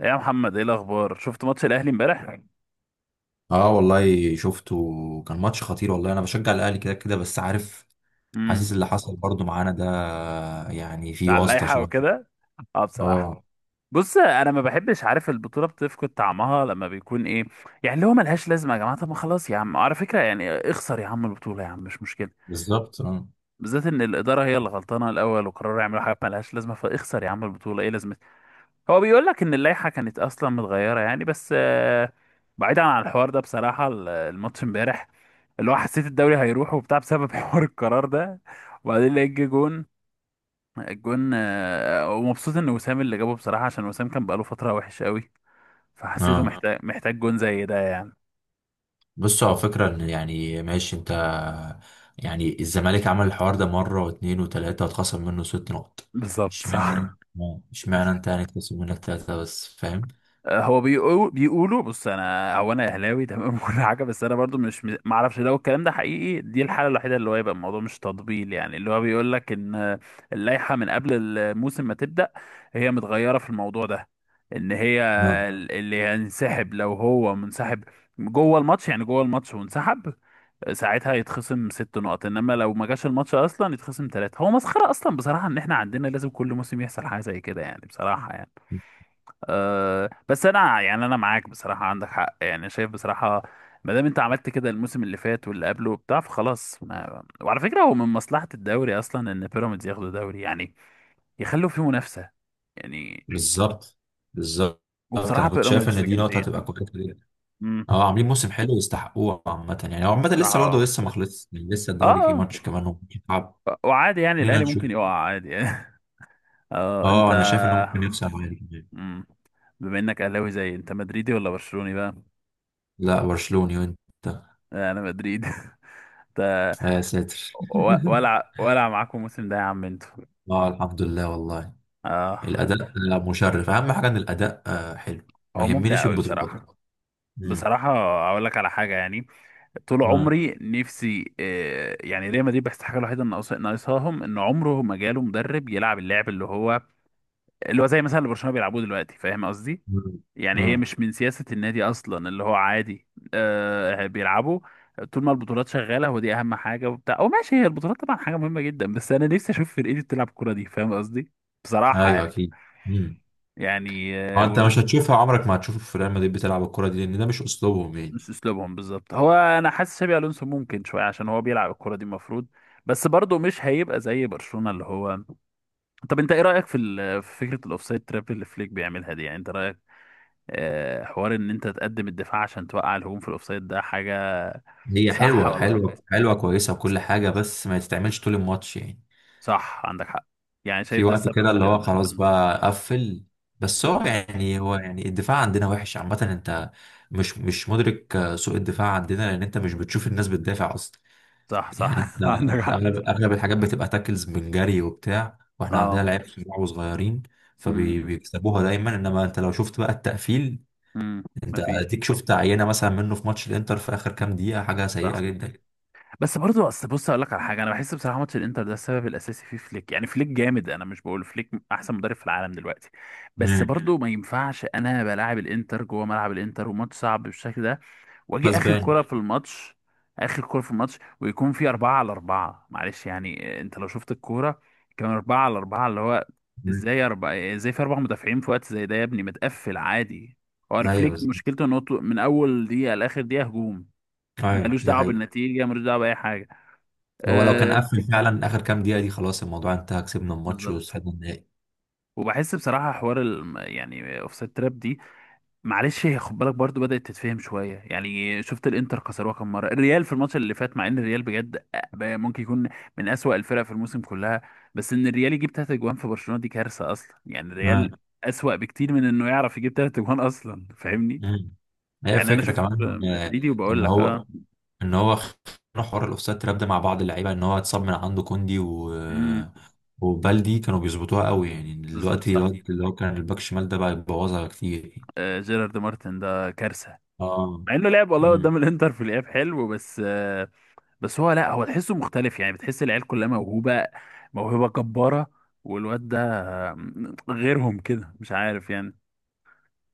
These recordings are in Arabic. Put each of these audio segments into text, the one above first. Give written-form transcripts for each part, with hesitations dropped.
إيه يا محمد، ايه الاخبار؟ شفت ماتش الاهلي امبارح؟ اه، والله شفته. كان ماتش خطير والله. انا بشجع الاهلي كده كده بس عارف، حاسس امم. اللي حصل برضو معانا ده. يعني في على واسطة اللائحه شوية. وكده. اه، اه، بصراحه بص، انا ما بحبش، عارف، البطوله بتفقد طعمها لما بيكون ايه يعني، اللي هو ملهاش لازمه يا جماعه. طب ما خلاص يا عم، على فكره يعني اخسر يا عم البطوله يا عم، مش مشكله. بالظبط اه. بالذات ان الاداره هي اللي غلطانه الاول، وقرروا يعملوا حاجه ملهاش لازمه، فاخسر يا عم البطوله، ايه لازمتها؟ هو بيقول لك ان اللائحه كانت اصلا متغيره يعني، بس بعيدا عن الحوار ده بصراحه الماتش امبارح اللي هو، حسيت الدوري هيروح وبتاع بسبب حوار القرار ده. وبعدين لقيت جه جون. الجون ومبسوط ان وسام اللي جابه بصراحه، عشان وسام كان بقاله فتره وحش قوي. فحسيته اه، محتاج جون زي ده يعني. بص على فكرة، ان يعني ماشي انت، يعني الزمالك عمل الحوار ده مرة واتنين وتلاتة واتخصم منه ست نقط. بالظبط اشمعنى؟ صح. اه، اشمعنى انت يعني اتخصم منك تلاتة بس، فاهم؟ هو بيقولوا بص انا، هو انا اهلاوي تمام وكل حاجه، بس انا برضو مش، ما اعرفش لو الكلام ده حقيقي. دي الحاله الوحيده اللي هو يبقى الموضوع مش تطبيل يعني، اللي هو بيقول لك ان اللائحه من قبل الموسم ما تبدا هي متغيره في الموضوع ده. ان هي اه، اللي هينسحب لو هو منسحب جوه الماتش، يعني جوه الماتش وانسحب، ساعتها يتخصم ست نقط. انما لو ما جاش الماتش اصلا يتخصم ثلاثه. هو مسخره اصلا بصراحه ان احنا عندنا لازم كل موسم يحصل حاجه زي كده يعني، بصراحه يعني. أه بس انا، يعني انا معاك بصراحه، عندك حق يعني، شايف بصراحه ما دام انت عملت كده الموسم اللي فات واللي قبله وبتاع فخلاص. ما... وعلى فكره هو من مصلحه الدوري اصلا ان بيراميدز ياخدوا دوري يعني، يخلوا فيه منافسه يعني. بالظبط بالظبط. وبصراحه انا كنت شايف بيراميدز ان شايف دي نقطة جامدين. هتبقى كويسة. امم. اه، عاملين موسم حلو يستحقوه عامة، يعني هو عامة بصراحه لسه برضه اه. لسه ما خلصش يعني، لسه الدوري فيه آه. ماتش كمان وممكن يلعب. وعادي يعني لينا الاهلي نشوف. ممكن يقع عادي يعني. اه انت. اه، انا شايف انه ممكن يكسب عادي كمان. مم. بما انك اهلاوي، زي، انت مدريدي ولا برشلوني بقى؟ لا، برشلوني. وانت؟ انا مدريدي انت يا ساتر. ولع ولع معاكم الموسم ده يا عم انتوا. اه، الحمد لله والله. اه، الاداء لا، مشرف، اهم حاجة ان الاداء حلو. ما هو ممتع يهمنيش قوي، ماليش في بصراحة البطولات. الكورة مم. بصراحة. اقول لك على حاجة يعني، طول مم. عمري نفسي يعني ريال مدريد، بس الحاجة الوحيدة ناقصاهم ان عمره ما جاله مدرب يلعب اللعب اللي هو، اللي هو زي مثلا اللي برشلونة بيلعبوه دلوقتي، فاهم قصدي؟ مم. يعني هي مم. مش من سياسة النادي اصلا اللي هو عادي. آه بيلعبوا. طول ما البطولات شغالة هو دي اهم حاجة وبتاع، او ماشي، هي البطولات طبعا حاجة مهمة جدا، بس انا نفسي اشوف فرقتي بتلعب الكورة دي، فاهم قصدي؟ بصراحة ايوه يعني. اكيد. مم. يعني اه، انت مش هتشوفها، عمرك ما هتشوف في ريال مدريد بتلعب الكرة دي لان ده مش اسلوبهم يعني. مش اسلوبهم بالظبط. هو انا حاسس شابي الونسو ممكن شويه، عشان هو بيلعب الكره دي المفروض، بس برضه مش هيبقى زي برشلونه اللي هو. طب انت ايه رايك في في فكره الاوفسايد تراب اللي فليك بيعملها دي؟ يعني انت رايك حوار ان انت تقدم الدفاع عشان توقع الهجوم في الاوفسايد ده، حاجه حاجة هي صح حلوه ولا غلط؟ حلوه حلوه كويسه وكل حاجه، بس ما تتعملش طول الماتش يعني. صح، عندك حق يعني، شايف في ده وقت السبب. كده اللي هو خلاص بقى قفل. بس هو مم. يعني هو يعني الدفاع عندنا وحش عامه. انت مش مدرك سوء الدفاع عندنا، لان انت مش بتشوف الناس بتدافع اصلا. صح، يعني انت، صح عندك أنت حق. اغلب الحاجات بتبقى تاكلز من جري وبتاع، واحنا عندنا اه. لعيبه صغار وصغيرين مم. فبيكسبوها دايما. انما انت لو شفت بقى التقفيل، مم. انت مفيش. اديك شفت عينه مثلا منه في ماتش الانتر في اخر كام دقيقه، حاجه صح. سيئه جدا. بس برضه اصل بص، اقول لك على حاجه، انا بحس بصراحه ماتش الانتر ده السبب الاساسي فيه فليك يعني. فليك جامد، انا مش بقول فليك احسن مدرب في العالم دلوقتي، بس مم. مم. برضه ما ينفعش انا بلاعب الانتر جوه ملعب الانتر، وماتش صعب بالشكل ده، واجي اخر كره غصبان. بالظبط في الماتش، اخر كره في الماتش، ويكون في اربعه على اربعه. معلش يعني انت لو شفت الكوره، كان اربعه على اربعه اللي هو، مم. ازاي اربعه ازاي في اربع مدافعين في وقت زي ده يا ابني؟ متقفل عادي. هو ايوه فليك بالظبط. مشكلته انه من اول دقيقه لاخر دقيقه هجوم، ايوه ملوش دي دعوه حقيقة. بالنتيجه، ملوش دعوه باي حاجه. هو لو كان آه قفل فعلا اخر كام دقيقة دي خلاص الموضوع انتهى، كسبنا الماتش بالظبط. وصعدنا النهائي. وبحس بصراحة حوار يعني اوفسايد تراب دي، معلش هي، خد بالك برضو بدأت تتفهم شوية، يعني شفت الانتر كسروها كم مرة الريال في الماتش اللي فات، مع ان الريال بجد ممكن يكون من أسوأ الفرق في الموسم كلها، بس ان الريال يجيب تلات اجوان في برشلونة دي كارثة اصلا يعني، آه. الريال أسوأ بكتير من انه يعرف يجيب تلات اجوان اصلا، فاهمني؟ مم. هي يعني انا الفكرة شفت كمان مدريدي ان وبقول لك هو اه. ان هو خ- حوار الاوفسايد تراب ده مع بعض اللعيبة ان هو اتصاب من عنده كوندي و... امم. وبالدي كانوا بيظبطوها قوي يعني. بالظبط دلوقتي صح. الواد اللي هو كان الباك شمال ده بقى يبوظها كتير يعني. آه، جيرارد مارتن ده كارثة. اه. مع انه لعب والله قدام مم. الانتر في الاياب حلو، بس بس هو، لا هو تحسه مختلف يعني. بتحس العيال كلها موهوبة، موهبة جبارة. والواد ده غيرهم كده مش عارف يعني.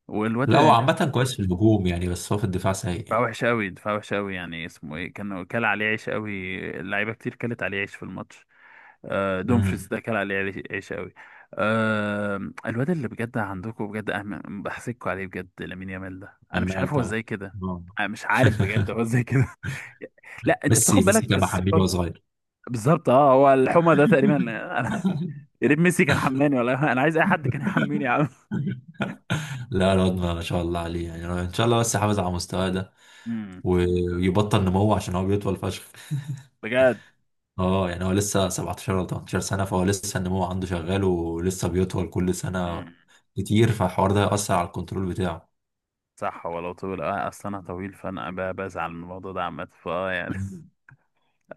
والواد، لا هو عامة كويس في الهجوم يعني، بس هو في الدفاع سيء دفاع يعني. وحش قوي، دفاع وحش قوي. يعني اسمه ايه كان كل عليه عيش قوي، اللعيبة كتير كلت عليه عيش في الماتش. دومفريس امم. ده كان عليه عيش، عيش قوي. آه، الواد اللي بجد عندكم بجد بحسدكوا عليه بجد. لامين يامال ده انا مش عارف عمال هو طبعا. ازاي كده، آه. انا مش عارف بجد هو ازاي كده. لا انت ميسي بتاخد ميسي بالك جاب حبيبي وهو الثقة. صغير. بالظبط اه. هو الحمى ده تقريبا انا يا ريت ميسي كان حملاني ولا انا عايز اي حد كان يحميني يا عم. لا، الواد ما شاء الله عليه. يعني أنا ان شاء الله بس يحافظ على مستواه ده امم. ويبطل نمو عشان هو بيطول فشخ. بجد. اه يعني هو لسه 17 ولا 18 سنة، فهو لسه النمو عنده شغال ولسه بيطول كل سنة امم. كتير، فالحوار ده هيأثر على الكنترول بتاعه. صح. هو لو طويل، اه اصل انا طويل، فانا بزعل من الموضوع ده عامه فاه يعني مم.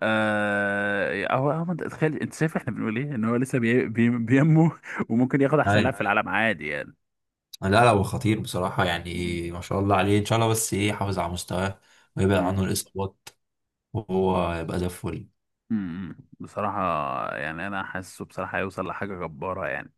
آه، هو، انت تخيل، انت شايف احنا بنقول ايه، ان هو لسه بينمو، وممكن ياخد احسن اي. لاعب في العالم عادي يعني. لا لا، هو خطير بصراحة مم. يعني، ما شاء الله عليه. ان شاء الله بس ايه يحافظ على مستواه ويبعد مم. عنه الإصابات وهو يبقى زي الفل. مم. بصراحه يعني انا حاسه بصراحه هيوصل لحاجه جباره يعني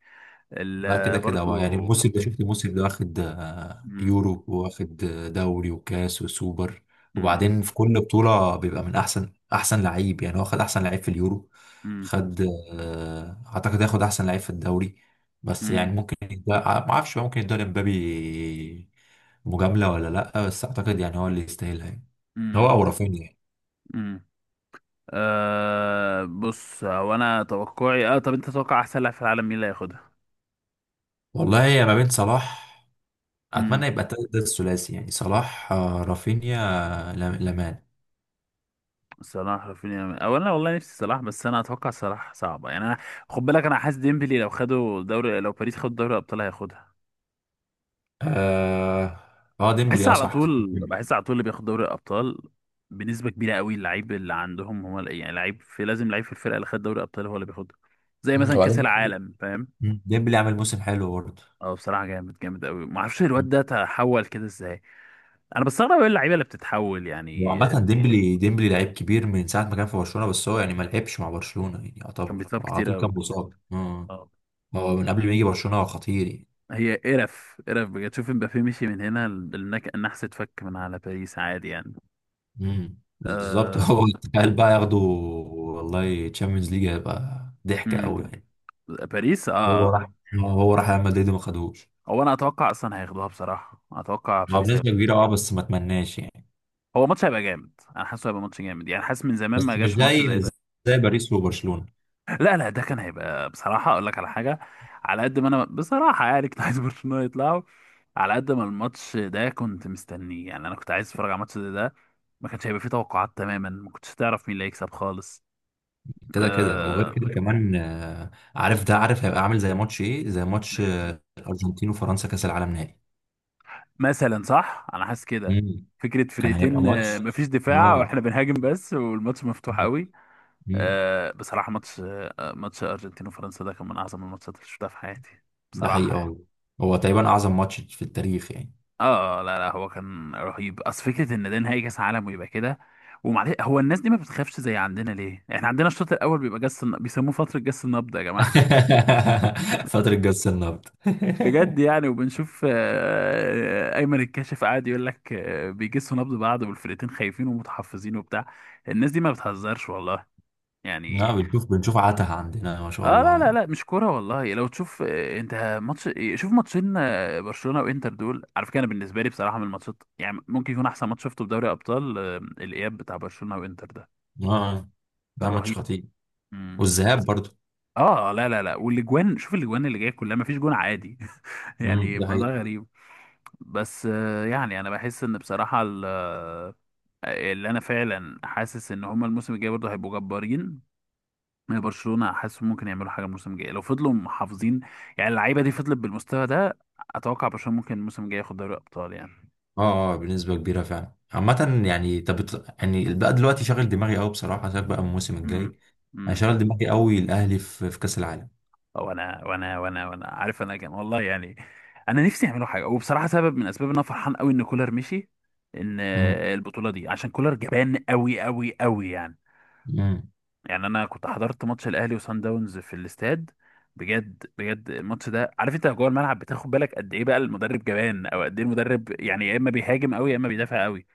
لا كده ال... كده هو يعني، برضو. الموسم ده شفت الموسم ده واخد مم. يورو، واخد دوري وكاس وسوبر. مم. وبعدين في كل بطولة بيبقى من أحسن أحسن لعيب يعني. هو خد أحسن لعيب في اليورو، مم. خد، أعتقد ياخد أحسن لعيب في الدوري. بس مم. يعني ممكن يدى ما أعرفش بقى، ممكن يدى لمبابي مجاملة ولا لأ، بس أعتقد يعني هو اللي يستاهلها يعني، هو أو امم. رافينيا يعني. امم. أه بص، هو انا توقعي اه. طب انت تتوقع احسن لاعب في العالم مين اللي هياخدها؟ والله هي ما بين صلاح، امم. أتمنى يبقى ده الثلاثي يعني، صلاح رافينيا، لامان. صلاح رافينيا، او انا والله نفسي صلاح، بس انا اتوقع صلاح صعبه يعني انا. خد بالك انا حاسس ديمبلي لو خدوا دوري، لو باريس خد دوري الابطال هياخدها اه. اه بحس ديمبلي. اه على، لا صح، صح طول ديمبلي. بحس على طول اللي بياخد دوري الابطال بنسبه كبيره قوي اللعيب اللي عندهم. هو يعني لعيب في، لازم لعيب في الفرقه اللي خد دوري الابطال هو اللي بياخدها، زي مم، مثلا وبعدين كاس ديمبلي. العالم، فاهم؟ مم. ديمبلي عامل موسم حلو برضه. اه بصراحه جامد، جامد قوي. ما اعرفش الواد وعامة. ده تحول كده ازاي. انا بستغرب ايه اللعيبه اللي بتتحول مم. يعني. وعامة ديمبلي ديمبلي لعيب كبير من ساعة ما كان في برشلونة، بس هو يعني ما لعبش مع برشلونة، يعني كان يعتبر بيتصاب هو على كتير طول كان قوي، كان مصاب بيتصاب آه. اه. هو من قبل ما يجي برشلونة هو خطير يعني. هي قرف قرف بجد. شوف امبابي مشي من هنا، النحس اتفك من على باريس عادي يعني. مم. بالظبط. آه... هو تخيل بقى ياخده والله تشامبيونز ليج، هيبقى ضحكة قوي مم. يعني. باريس اه. هو آه. راح هو راح ريال مدريد وما خدهوش. هو انا اتوقع اصلا هياخدوها، بصراحه اتوقع هو باريس هياخدوها. بنسبة كبيرة اه، بس ما اتمناش يعني. هو ماتش هيبقى جامد، انا حاسه هيبقى ماتش جامد يعني، حاسس من زمان ما بس مش جاش ماتش زي زي مش ده. زي باريس وبرشلونة. لا لا، ده كان هيبقى بصراحة، أقول لك على حاجة، على قد ما أنا بصراحة يعني كنت عايز برشلونة يطلعوا، على قد ما الماتش ده كنت مستنيه يعني. أنا كنت عايز أتفرج على الماتش ده، ده ما كانش هيبقى فيه توقعات تماما، ما كنتش تعرف مين اللي هيكسب خالص. كده كده وغير آه كده كمان عارف، ده عارف هيبقى عامل زي ماتش ايه زي ماتش الارجنتين وفرنسا، كاس العالم نهائي. مثلا صح، أنا حاسس كده. مم. فكرة كان هيبقى فرقتين ماتش. مفيش دفاع اه. واحنا بنهاجم بس، والماتش مفتوح مم. قوي. مم. آه بصراحة ماتش، آه ماتش أرجنتين وفرنسا ده كان من أعظم الماتشات اللي شفتها في حياتي ده حقيقي بصراحة يعني. اه. هو تقريبا اعظم ماتش في التاريخ يعني. اه لا لا، هو كان رهيب. اصل فكره ان ده نهائي كاس عالم ويبقى كده. ومعلش هو الناس دي ما بتخافش زي عندنا، ليه احنا عندنا الشوط الاول بيبقى بيسموه فتره جس النبض يا جماعه فترة جس النبض. بجد. يعني وبنشوف ايمن الكاشف قاعد يقول لك بيجسوا نبض بعض والفرقتين خايفين ومتحفزين وبتاع. الناس دي ما بتهزرش والله لا، يعني. بنشوف عتها عندنا ما شاء اه لا الله لا يعني. لا مش كوره والله. لو تشوف انت ماتش إيه، شوف ماتشين برشلونه وانتر. دول على فكره انا بالنسبه لي بصراحه من الماتشات يعني، ممكن يكون احسن ماتش شفته في دوري ابطال. الاياب بتاع برشلونه وانتر ده اه كان ده ماتش رهيب. خطير. مم. والذهاب برضه. اه لا لا لا. والاجوان، شوف الاجوان اللي جايه كلها، ما فيش جون عادي مم. يعني، ده ده حقيقي غريب. بس يعني انا بحس ان بصراحه اللي انا فعلا حاسس ان هما الموسم الجاي برضه هيبقوا جبارين. من برشلونة حاسس ممكن يعملوا حاجة الموسم الجاي، لو فضلوا محافظين يعني، اللعيبة دي فضلت بالمستوى ده، أتوقع برشلونة ممكن الموسم الجاي ياخد دوري أبطال يعني. اه. اه بنسبة كبيرة فعلا عامة يعني. طب يعني البقى دلوقتي شاغل دماغي قوي بصراحة، سيبك بقى من الموسم امم. الجاي. انا امم. شاغل دماغي قوي الاهلي في كأس العالم. وأنا عارف، أنا كان والله يعني، أنا نفسي يعملوا حاجة. وبصراحة سبب من أسباب إن أنا فرحان قوي إن كولر مشي إن امم. البطولة دي، عشان كولر جبان قوي قوي قوي يعني. امم. يعني انا كنت حضرت ماتش الاهلي وصن داونز في الاستاد، بجد بجد الماتش ده، عارف، انت جوه الملعب بتاخد بالك قد ايه بقى المدرب جبان، او قد ايه المدرب يعني يا اما بيهاجم قوي يا اما بيدافع قوي.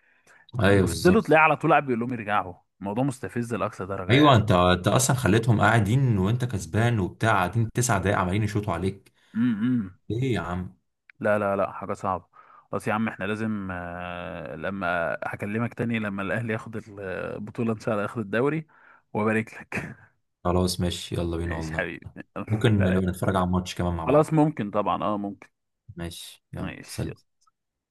ايوه بص له بالظبط. تلاقيه على طول قاعد بيقول لهم يرجعوا. الموضوع مستفز لاقصى درجه ايوه، يعني. انت اصلا خليتهم قاعدين، وانت كسبان وبتاع قاعدين تسع دقايق عمالين يشوطوا عليك. امم. ايه يا عم. لا لا لا حاجه صعبه. خلاص يا عم، احنا لازم لما هكلمك تاني لما الاهلي ياخد البطوله ان شاء الله ياخد الدوري وابارك لك. خلاص ماشي يلا بينا ماشي والله. حبيبي ممكن سلام. نبقى نتفرج على الماتش كمان مع خلاص بعض. ممكن طبعا، اه ممكن. ماشي يلا سلام. ماشي.